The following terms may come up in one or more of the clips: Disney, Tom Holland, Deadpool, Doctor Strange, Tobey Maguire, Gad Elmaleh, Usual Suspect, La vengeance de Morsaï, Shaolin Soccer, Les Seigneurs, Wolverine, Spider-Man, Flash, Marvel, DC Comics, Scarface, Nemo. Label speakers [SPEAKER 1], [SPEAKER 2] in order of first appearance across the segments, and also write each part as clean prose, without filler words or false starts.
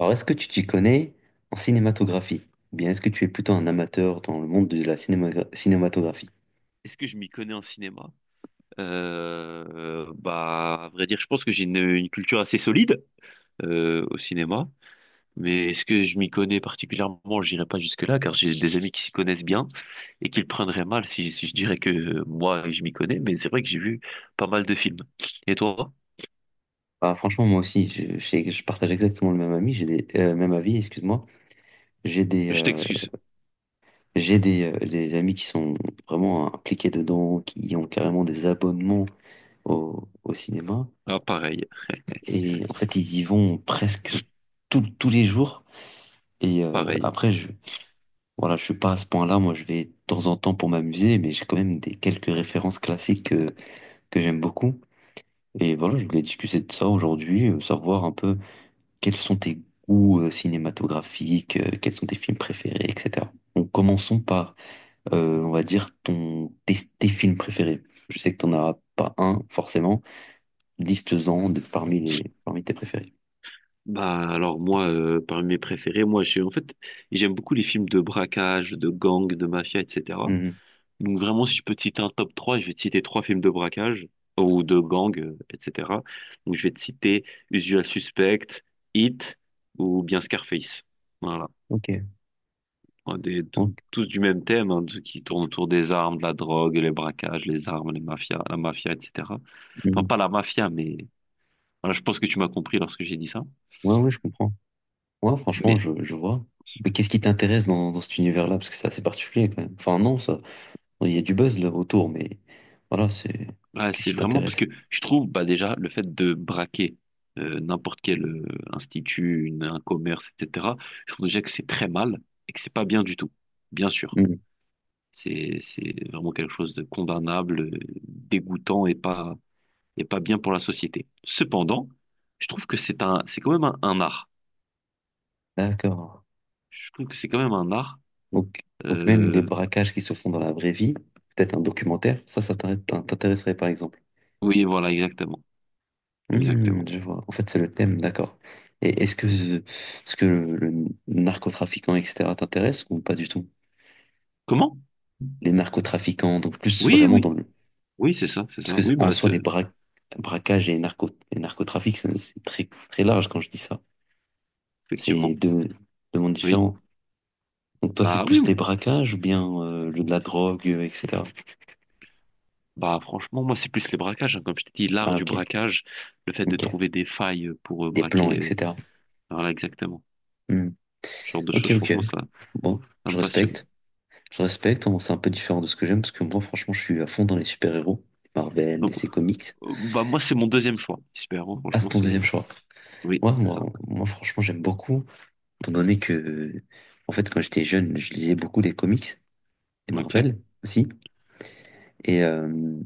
[SPEAKER 1] Alors, est-ce que tu t'y connais en cinématographie? Ou bien est-ce que tu es plutôt un amateur dans le monde de la cinématographie?
[SPEAKER 2] Est-ce que je m'y connais en cinéma? Bah, à vrai dire, je pense que j'ai une culture assez solide au cinéma. Mais est-ce que je m'y connais particulièrement? J'irai pas jusque-là, car j'ai des amis qui s'y connaissent bien et qui le prendraient mal si je dirais que moi, je m'y connais. Mais c'est vrai que j'ai vu pas mal de films. Et toi?
[SPEAKER 1] Ah, franchement, moi aussi, je partage exactement le même ami, même avis, excuse-moi. J'ai des,
[SPEAKER 2] Je
[SPEAKER 1] euh,
[SPEAKER 2] t'excuse.
[SPEAKER 1] j'ai des amis qui sont vraiment impliqués dedans, qui ont carrément des abonnements au cinéma.
[SPEAKER 2] Ah, pareil,
[SPEAKER 1] Et en fait, ils y vont presque tous les jours. Et
[SPEAKER 2] pareil.
[SPEAKER 1] après, voilà, je suis pas à ce point-là. Moi, je vais de temps en temps pour m'amuser, mais j'ai quand même des quelques références classiques que j'aime beaucoup. Et voilà, je voulais discuter de ça aujourd'hui, savoir un peu quels sont tes goûts cinématographiques, quels sont tes films préférés, etc. Donc commençons par, on va dire, tes films préférés. Je sais que t'en as pas un, forcément. Liste-en parmi tes préférés.
[SPEAKER 2] Bah, alors moi, parmi mes préférés, moi, en fait, j'aime beaucoup les films de braquage, de gang, de mafia, etc.
[SPEAKER 1] Mhm.
[SPEAKER 2] Donc vraiment, si je peux te citer un top trois, je vais te citer trois films de braquage ou de gang, etc. Donc je vais te citer Usual Suspect, Hit ou bien Scarface. Voilà.
[SPEAKER 1] Ok.
[SPEAKER 2] Ouais, tous,
[SPEAKER 1] Ok.
[SPEAKER 2] tous du même thème, hein, qui tourne autour des armes, de la drogue, les braquages, les armes, les mafias, la mafia, etc. Enfin,
[SPEAKER 1] Mhm.
[SPEAKER 2] pas la mafia, mais voilà, je pense que tu m'as compris lorsque j'ai dit ça.
[SPEAKER 1] Ouais, ouais, je comprends. Ouais, franchement,
[SPEAKER 2] Mais
[SPEAKER 1] je vois. Mais qu'est-ce qui t'intéresse dans cet univers-là? Parce que c'est assez particulier quand même. Enfin, non, ça, il y a du buzz là autour, mais voilà, c'est.
[SPEAKER 2] Ouais,
[SPEAKER 1] Qu'est-ce
[SPEAKER 2] c'est
[SPEAKER 1] qui
[SPEAKER 2] vraiment parce que
[SPEAKER 1] t'intéresse?
[SPEAKER 2] je trouve, bah, déjà le fait de braquer n'importe quel institut, un commerce, etc. Je trouve déjà que c'est très mal et que c'est pas bien du tout. Bien sûr,
[SPEAKER 1] Hmm,
[SPEAKER 2] c'est vraiment quelque chose de condamnable, dégoûtant et pas bien pour la société. Cependant, je trouve que c'est quand même un art.
[SPEAKER 1] d'accord.
[SPEAKER 2] Je trouve que c'est quand même un art.
[SPEAKER 1] Donc, donc même les
[SPEAKER 2] Euh,
[SPEAKER 1] braquages qui se font dans la vraie vie, peut-être un documentaire, ça t'intéresserait par exemple.
[SPEAKER 2] oui, voilà, exactement,
[SPEAKER 1] Hmm,
[SPEAKER 2] exactement.
[SPEAKER 1] je vois. En fait, c'est le thème, d'accord. Et est-ce que le narcotrafiquant, etc., t'intéresse ou pas du tout?
[SPEAKER 2] Comment?
[SPEAKER 1] Les narcotrafiquants, donc plus
[SPEAKER 2] Oui,
[SPEAKER 1] vraiment dans
[SPEAKER 2] oui,
[SPEAKER 1] le...
[SPEAKER 2] oui, c'est ça, c'est
[SPEAKER 1] Parce
[SPEAKER 2] ça.
[SPEAKER 1] que
[SPEAKER 2] Oui,
[SPEAKER 1] en
[SPEAKER 2] bah,
[SPEAKER 1] soi, les braquages et, narco et narcotrafic, c'est très, très large quand je dis ça.
[SPEAKER 2] effectivement.
[SPEAKER 1] C'est deux mondes
[SPEAKER 2] Oui,
[SPEAKER 1] différents. Donc toi, c'est
[SPEAKER 2] bah oui.
[SPEAKER 1] plus les braquages ou bien de la drogue, etc.
[SPEAKER 2] Bah, franchement, moi c'est plus les braquages, hein. Comme je t'ai dit, l'art
[SPEAKER 1] Ah,
[SPEAKER 2] du
[SPEAKER 1] ok.
[SPEAKER 2] braquage, le fait de
[SPEAKER 1] Ok.
[SPEAKER 2] trouver des failles pour
[SPEAKER 1] Des plans,
[SPEAKER 2] braquer,
[SPEAKER 1] etc.
[SPEAKER 2] voilà exactement.
[SPEAKER 1] Hmm.
[SPEAKER 2] Ce genre de
[SPEAKER 1] Ok,
[SPEAKER 2] choses, je
[SPEAKER 1] ok.
[SPEAKER 2] pense, moi ça,
[SPEAKER 1] Bon,
[SPEAKER 2] ça me
[SPEAKER 1] je
[SPEAKER 2] passionne.
[SPEAKER 1] respecte. Je respecte. Bon, c'est un peu différent de ce que j'aime parce que moi, franchement, je suis à fond dans les super-héros, Marvel,
[SPEAKER 2] Donc
[SPEAKER 1] DC Comics.
[SPEAKER 2] bah, moi c'est mon deuxième choix. Super, hein.
[SPEAKER 1] Ah, c'est
[SPEAKER 2] Franchement,
[SPEAKER 1] ton
[SPEAKER 2] c'est
[SPEAKER 1] deuxième choix.
[SPEAKER 2] oui,
[SPEAKER 1] Ouais,
[SPEAKER 2] c'est ça.
[SPEAKER 1] moi, franchement, j'aime beaucoup. Étant donné que, en fait, quand j'étais jeune, je lisais beaucoup les comics, les
[SPEAKER 2] Ok.
[SPEAKER 1] Marvel aussi. Et, euh,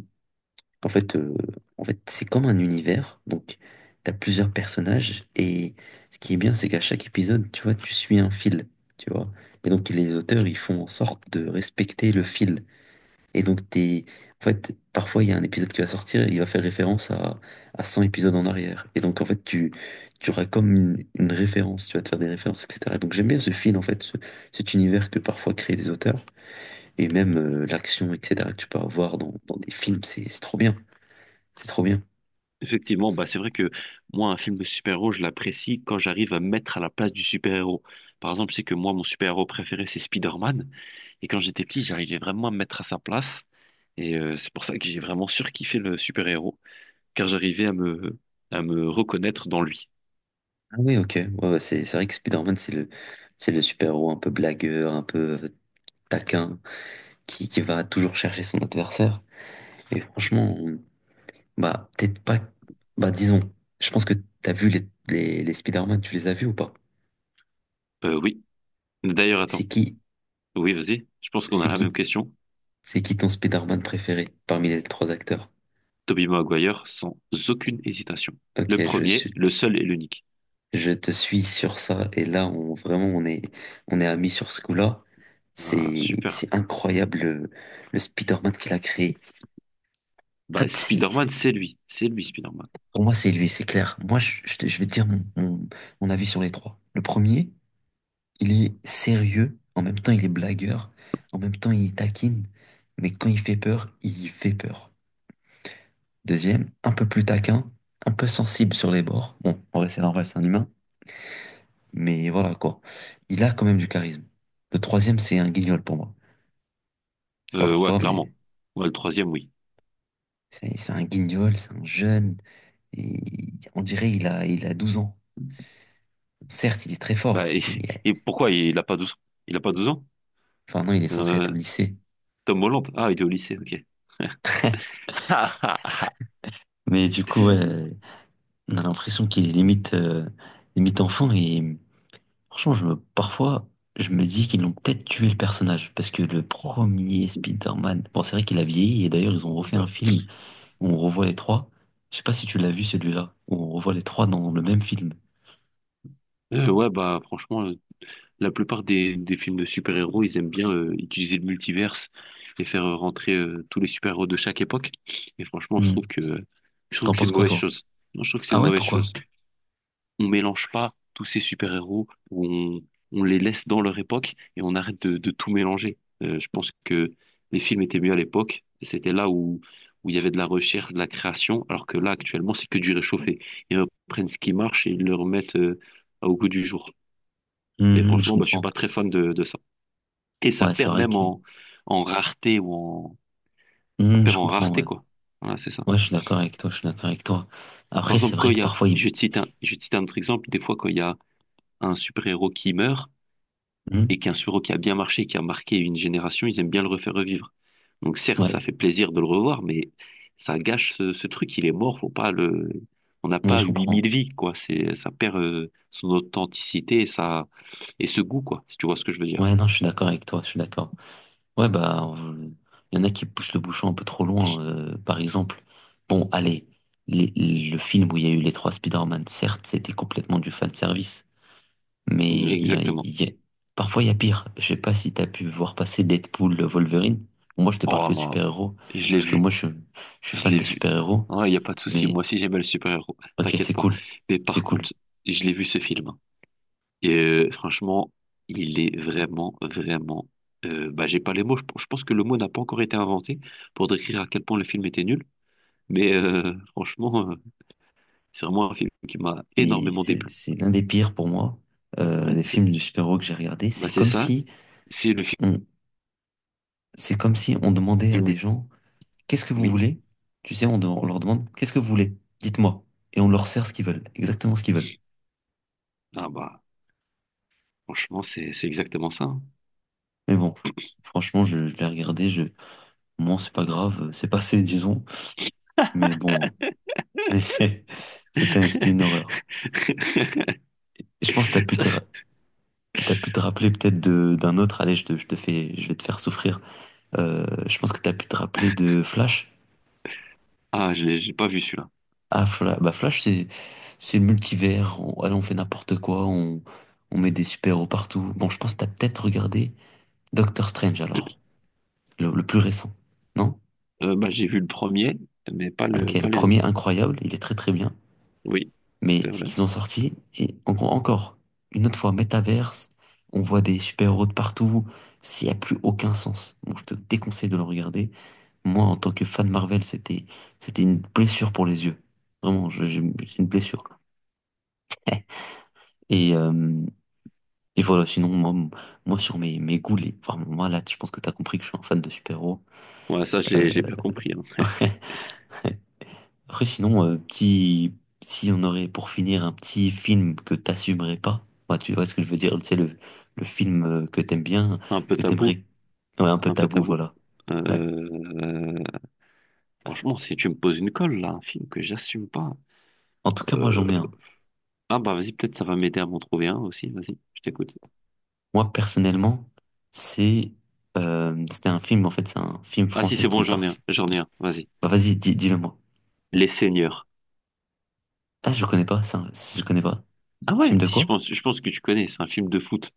[SPEAKER 1] En fait, c'est comme un univers. Donc, t'as plusieurs personnages. Et ce qui est bien, c'est qu'à chaque épisode, tu vois, tu suis un fil. Tu vois. Et donc, les auteurs, ils font en sorte de respecter le fil. Et donc, t'es. En fait, parfois, il y a un épisode qui va sortir, il va faire référence à 100 épisodes en arrière. Et donc, en fait, tu auras comme une référence, tu vas te faire des références, etc. Donc, j'aime bien ce fil, en fait, cet univers que parfois créent des auteurs, et même l'action, etc., que tu peux avoir dans des films, c'est trop bien. C'est trop bien.
[SPEAKER 2] Effectivement, bah c'est vrai que moi, un film de super-héros, je l'apprécie quand j'arrive à me mettre à la place du super-héros. Par exemple, je sais que moi, mon super-héros préféré, c'est Spider-Man. Et quand j'étais petit, j'arrivais vraiment à me mettre à sa place. Et c'est pour ça que j'ai vraiment surkiffé le super-héros, car j'arrivais à me reconnaître dans lui.
[SPEAKER 1] Ah oui, ok. Ouais, ouais, c'est vrai que Spider-Man, c'est le super-héros un peu blagueur, un peu taquin, qui va toujours chercher son adversaire. Et franchement, bah, peut-être pas. Bah, disons, je pense que t'as vu les Spider-Man, tu les as vus ou pas?
[SPEAKER 2] Oui. D'ailleurs,
[SPEAKER 1] C'est
[SPEAKER 2] attends.
[SPEAKER 1] qui,
[SPEAKER 2] Oui, vas-y. Je pense qu'on a
[SPEAKER 1] c'est
[SPEAKER 2] la
[SPEAKER 1] qui,
[SPEAKER 2] même question.
[SPEAKER 1] c'est qui ton Spider-Man préféré parmi les trois acteurs?
[SPEAKER 2] Tobey Maguire, sans aucune hésitation. Le
[SPEAKER 1] Ok, je
[SPEAKER 2] premier,
[SPEAKER 1] suis,
[SPEAKER 2] le seul et l'unique.
[SPEAKER 1] je te suis sur ça. Et là, on, vraiment, on est amis sur ce coup-là.
[SPEAKER 2] Ah,
[SPEAKER 1] C'est,
[SPEAKER 2] super.
[SPEAKER 1] c'est incroyable le Spider-Man qu'il a créé. En
[SPEAKER 2] Bah,
[SPEAKER 1] fait, c'est
[SPEAKER 2] Spider-Man, c'est lui. C'est lui, spider
[SPEAKER 1] Pour moi, c'est lui, c'est clair. Moi, je vais te dire mon avis sur les trois. Le premier, il est sérieux, en même temps, il est blagueur, en même temps, il taquine, mais quand il fait peur, il fait peur. Deuxième, un peu plus taquin, un peu sensible sur les bords. Bon, en vrai, c'est normal, c'est un humain, mais voilà quoi. Il a quand même du charisme. Le troisième, c'est un guignol pour moi. Je sais pas pour
[SPEAKER 2] Ouais,
[SPEAKER 1] toi, mais
[SPEAKER 2] clairement. Ouais, le troisième, oui.
[SPEAKER 1] c'est un guignol, c'est un jeune, et on dirait il a 12 ans. Certes, il est très
[SPEAKER 2] Bah,
[SPEAKER 1] fort.
[SPEAKER 2] et pourquoi il a pas douze ans?
[SPEAKER 1] Enfin, non, il est censé être
[SPEAKER 2] Euh,
[SPEAKER 1] au lycée.
[SPEAKER 2] Tom Holland. Ah, il est au lycée, ok.
[SPEAKER 1] Mais du coup, ouais, on a l'impression qu'il est limite enfant et franchement, parfois, je me dis qu'ils ont peut-être tué le personnage parce que le premier Spider-Man, bon, c'est vrai qu'il a vieilli et d'ailleurs, ils ont refait un film où on revoit les trois. Je sais pas si tu l'as vu celui-là, où on revoit les trois dans le même film.
[SPEAKER 2] Ouais, bah, franchement, la plupart des films de super-héros, ils aiment bien utiliser le multiverse et faire rentrer tous les super-héros de chaque époque. Et franchement,
[SPEAKER 1] Hmm.
[SPEAKER 2] je trouve
[SPEAKER 1] T'en
[SPEAKER 2] que c'est
[SPEAKER 1] penses
[SPEAKER 2] une
[SPEAKER 1] quoi,
[SPEAKER 2] mauvaise
[SPEAKER 1] toi?
[SPEAKER 2] chose. Non, je trouve que c'est une
[SPEAKER 1] Ah ouais,
[SPEAKER 2] mauvaise
[SPEAKER 1] pourquoi?
[SPEAKER 2] chose. On mélange pas tous ces super-héros, où on les laisse dans leur époque et on arrête de tout mélanger. Je pense que les films étaient mieux à l'époque. Et c'était là où il y avait de la recherche, de la création, alors que là, actuellement, c'est que du réchauffé. Ils reprennent ce qui marche et ils le remettent au goût du jour. Mais
[SPEAKER 1] Hmm, je
[SPEAKER 2] franchement, bah, je suis
[SPEAKER 1] comprends.
[SPEAKER 2] pas très fan de ça. Et ça
[SPEAKER 1] Ouais, c'est
[SPEAKER 2] perd
[SPEAKER 1] vrai
[SPEAKER 2] même
[SPEAKER 1] que.
[SPEAKER 2] en rareté Ça
[SPEAKER 1] Hmm,
[SPEAKER 2] perd
[SPEAKER 1] je
[SPEAKER 2] en
[SPEAKER 1] comprends,
[SPEAKER 2] rareté,
[SPEAKER 1] ouais.
[SPEAKER 2] quoi. Voilà, c'est ça.
[SPEAKER 1] Ouais, je suis d'accord avec toi, je suis d'accord avec toi.
[SPEAKER 2] Par
[SPEAKER 1] Après, c'est
[SPEAKER 2] exemple, quand
[SPEAKER 1] vrai
[SPEAKER 2] il
[SPEAKER 1] que
[SPEAKER 2] y a...
[SPEAKER 1] parfois, il...
[SPEAKER 2] Je vais te citer un, je vais te citer un autre exemple. Des fois, quand il y a un super-héros qui meurt,
[SPEAKER 1] Hmm,
[SPEAKER 2] et qu'un suro qui a bien marché, qui a marqué une génération, ils aiment bien le refaire revivre. Donc certes, ça
[SPEAKER 1] ouais,
[SPEAKER 2] fait plaisir de le revoir, mais ça gâche ce truc, il est mort, faut pas le... On n'a
[SPEAKER 1] ouais,
[SPEAKER 2] pas
[SPEAKER 1] je
[SPEAKER 2] huit
[SPEAKER 1] comprends.
[SPEAKER 2] mille vies, quoi. Ça perd son authenticité et ce goût, quoi, si tu vois ce que je veux dire.
[SPEAKER 1] Ouais, non, je suis d'accord avec toi, je suis d'accord. Ouais, bah, il y en a qui poussent le bouchon un peu trop loin. Par exemple, bon, allez, les- le film où il y a eu les trois Spider-Man, certes, c'était complètement du fanservice, mais
[SPEAKER 2] Mm, exactement.
[SPEAKER 1] parfois il y a pire. Je sais pas si t'as pu voir passer Deadpool, Wolverine. Bon, moi, je te parle
[SPEAKER 2] Oh
[SPEAKER 1] que de
[SPEAKER 2] là,
[SPEAKER 1] super-héros,
[SPEAKER 2] je l'ai
[SPEAKER 1] parce que
[SPEAKER 2] vu,
[SPEAKER 1] moi, je suis
[SPEAKER 2] je
[SPEAKER 1] fan
[SPEAKER 2] l'ai
[SPEAKER 1] de
[SPEAKER 2] vu.
[SPEAKER 1] super-héros,
[SPEAKER 2] Il n'y a pas de souci,
[SPEAKER 1] mais
[SPEAKER 2] moi aussi j'aimais le super-héros,
[SPEAKER 1] ok,
[SPEAKER 2] t'inquiète
[SPEAKER 1] c'est
[SPEAKER 2] pas.
[SPEAKER 1] cool,
[SPEAKER 2] Mais
[SPEAKER 1] c'est
[SPEAKER 2] par contre,
[SPEAKER 1] cool.
[SPEAKER 2] je l'ai vu ce film. Et franchement, il est vraiment, vraiment. Bah, j'ai pas les mots. Je pense que le mot n'a pas encore été inventé pour décrire à quel point le film était nul. Mais franchement, c'est vraiment un film qui m'a
[SPEAKER 1] C'est,
[SPEAKER 2] énormément
[SPEAKER 1] c'est,
[SPEAKER 2] déplu.
[SPEAKER 1] c'est l'un des pires pour moi,
[SPEAKER 2] Ouais,
[SPEAKER 1] des
[SPEAKER 2] c'est
[SPEAKER 1] films de super-héros que j'ai regardé.
[SPEAKER 2] bah,
[SPEAKER 1] C'est
[SPEAKER 2] c'est
[SPEAKER 1] comme
[SPEAKER 2] ça.
[SPEAKER 1] si.
[SPEAKER 2] C'est le film.
[SPEAKER 1] C'est comme si on demandait à des gens, qu'est-ce que vous
[SPEAKER 2] Oui.
[SPEAKER 1] voulez? Tu sais, on leur demande, qu'est-ce que vous voulez? Dites-moi. Et on leur sert ce qu'ils veulent, exactement ce qu'ils veulent.
[SPEAKER 2] Ah bah, franchement, c'est exactement ça, hein.
[SPEAKER 1] Mais bon, franchement, je l'ai regardé, moi, c'est pas grave, c'est passé, disons. Mais bon, c'était une horreur. Et je pense que t'as pu
[SPEAKER 2] Ça,
[SPEAKER 1] te, ra-
[SPEAKER 2] c'est-
[SPEAKER 1] t'as pu te rappeler peut-être d'un autre, allez, je vais te faire souffrir. Je pense que t'as pu te rappeler de Flash.
[SPEAKER 2] Ah, je l'ai j'ai pas vu celui-là.
[SPEAKER 1] Ah, Flash, bah Flash, c'est le multivers. On, allez, on fait n'importe quoi. On met des super-héros partout. Bon, je pense que t'as peut-être regardé Doctor Strange alors, le plus récent. Non?
[SPEAKER 2] Bah, j'ai vu le premier, mais
[SPEAKER 1] Ok, le
[SPEAKER 2] pas les
[SPEAKER 1] premier
[SPEAKER 2] autres.
[SPEAKER 1] incroyable, il est très très bien.
[SPEAKER 2] Oui,
[SPEAKER 1] Mais
[SPEAKER 2] c'est
[SPEAKER 1] ce
[SPEAKER 2] vrai.
[SPEAKER 1] qu'ils ont sorti, et en gros, encore une autre fois, métaverse, on voit des super-héros de partout. S'il n'y a plus aucun sens. Bon, je te déconseille de le regarder. Moi, en tant que fan Marvel, c'était une blessure pour les yeux. Vraiment, j'ai une blessure. Et, euh, Et voilà, sinon, moi sur mes goûts, vraiment, moi, là, je pense que t'as compris que je suis un fan de super-héros.
[SPEAKER 2] Ouais, ça, je
[SPEAKER 1] Euh,
[SPEAKER 2] l'ai j'ai bien compris, hein.
[SPEAKER 1] Après, sinon, si on aurait pour finir un petit film que t'assumerais pas, bah, tu vois ce que je veux dire, c'est le film que t'aimes bien,
[SPEAKER 2] Un peu
[SPEAKER 1] que
[SPEAKER 2] tabou.
[SPEAKER 1] t'aimerais, ouais, un peu
[SPEAKER 2] Un peu
[SPEAKER 1] tabou,
[SPEAKER 2] tabou.
[SPEAKER 1] voilà. Ouais.
[SPEAKER 2] Euh, franchement, si tu me poses une colle, là, un film que j'assume pas.
[SPEAKER 1] En tout cas, moi,
[SPEAKER 2] euh,
[SPEAKER 1] j'en ai un.
[SPEAKER 2] Ah bah vas-y, peut-être ça va m'aider à m'en trouver un aussi, vas-y, je t'écoute.
[SPEAKER 1] Moi, personnellement, c'est, c'était un film, en fait, c'est un film
[SPEAKER 2] Ah si,
[SPEAKER 1] français
[SPEAKER 2] c'est
[SPEAKER 1] qui
[SPEAKER 2] bon,
[SPEAKER 1] est sorti.
[SPEAKER 2] j'en ai un, vas-y.
[SPEAKER 1] Bah, vas-y, dis-le moi.
[SPEAKER 2] Les Seigneurs.
[SPEAKER 1] Ah, je connais pas, ça, je connais pas.
[SPEAKER 2] Ah
[SPEAKER 1] Film
[SPEAKER 2] ouais,
[SPEAKER 1] de
[SPEAKER 2] si
[SPEAKER 1] quoi?
[SPEAKER 2] je pense que tu connais, c'est un film de foot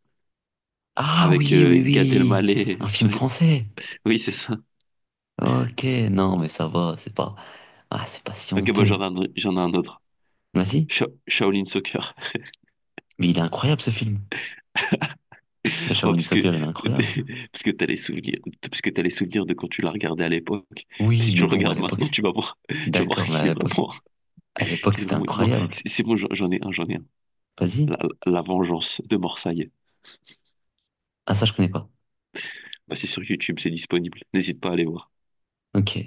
[SPEAKER 1] Ah
[SPEAKER 2] avec
[SPEAKER 1] oui, oui,
[SPEAKER 2] Gad
[SPEAKER 1] oui. Un
[SPEAKER 2] Elmaleh.
[SPEAKER 1] film
[SPEAKER 2] Ouais,
[SPEAKER 1] français.
[SPEAKER 2] oui, c'est ça.
[SPEAKER 1] Ok, non, mais ça va, c'est pas... Ah, c'est pas si
[SPEAKER 2] Ok, bah
[SPEAKER 1] honteux.
[SPEAKER 2] j'en ai un autre.
[SPEAKER 1] Vas-y.
[SPEAKER 2] Shaolin Soccer.
[SPEAKER 1] Mais il est incroyable, ce film. Mais
[SPEAKER 2] Oh,
[SPEAKER 1] Shaolin
[SPEAKER 2] parce que
[SPEAKER 1] Soccer, il est incroyable.
[SPEAKER 2] parce que t'as les souvenirs de quand tu l'as regardé à l'époque.
[SPEAKER 1] Oui,
[SPEAKER 2] Si tu
[SPEAKER 1] mais
[SPEAKER 2] le
[SPEAKER 1] bon, à
[SPEAKER 2] regardes
[SPEAKER 1] l'époque...
[SPEAKER 2] maintenant, tu vas voir
[SPEAKER 1] D'accord, mais à
[SPEAKER 2] qu'il est
[SPEAKER 1] l'époque...
[SPEAKER 2] vraiment
[SPEAKER 1] À l'époque,
[SPEAKER 2] Qu'il est
[SPEAKER 1] c'était
[SPEAKER 2] vraiment. Non,
[SPEAKER 1] incroyable.
[SPEAKER 2] c'est bon, j'en ai un.
[SPEAKER 1] Vas-y.
[SPEAKER 2] La, La vengeance de Morsaï.
[SPEAKER 1] Ah, ça, je connais pas.
[SPEAKER 2] Bah, c'est sur YouTube, c'est disponible. N'hésite pas à aller voir.
[SPEAKER 1] Ok.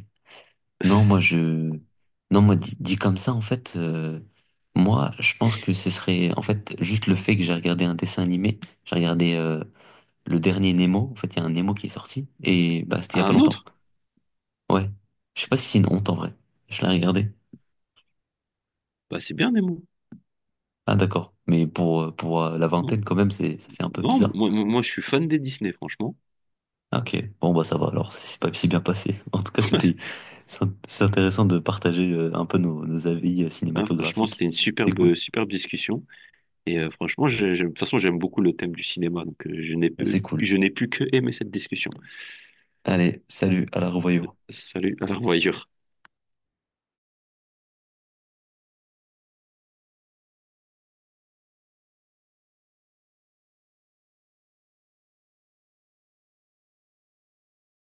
[SPEAKER 1] Non, moi, je... Non, moi, dit comme ça, en fait... Moi, je pense que ce serait... En fait, juste le fait que j'ai regardé un dessin animé. J'ai regardé le dernier Nemo. En fait, il y a un Nemo qui est sorti. Et bah, c'était il y a
[SPEAKER 2] Ah,
[SPEAKER 1] pas
[SPEAKER 2] un autre?
[SPEAKER 1] longtemps. Ouais. Je sais pas si c'est une honte en vrai. Je l'ai regardé.
[SPEAKER 2] Bah, c'est bien, Nemo.
[SPEAKER 1] Ah d'accord. Mais pour la
[SPEAKER 2] Non,
[SPEAKER 1] vingtaine quand même, ça fait un peu
[SPEAKER 2] non,
[SPEAKER 1] bizarre.
[SPEAKER 2] moi, je suis fan des Disney, franchement.
[SPEAKER 1] Ah, ok. Bon bah ça va alors, c'est pas si bien passé. En tout cas, c'était, c'est intéressant de partager un peu nos avis
[SPEAKER 2] Hein, franchement,
[SPEAKER 1] cinématographiques.
[SPEAKER 2] c'était une
[SPEAKER 1] C'est cool.
[SPEAKER 2] superbe, superbe discussion. Et franchement, de toute façon, j'aime beaucoup le thème du cinéma. Donc,
[SPEAKER 1] Bah, c'est cool.
[SPEAKER 2] je n'ai plus que aimer cette discussion.
[SPEAKER 1] Allez, salut, à la revoyure.
[SPEAKER 2] Salut, à la revoyure.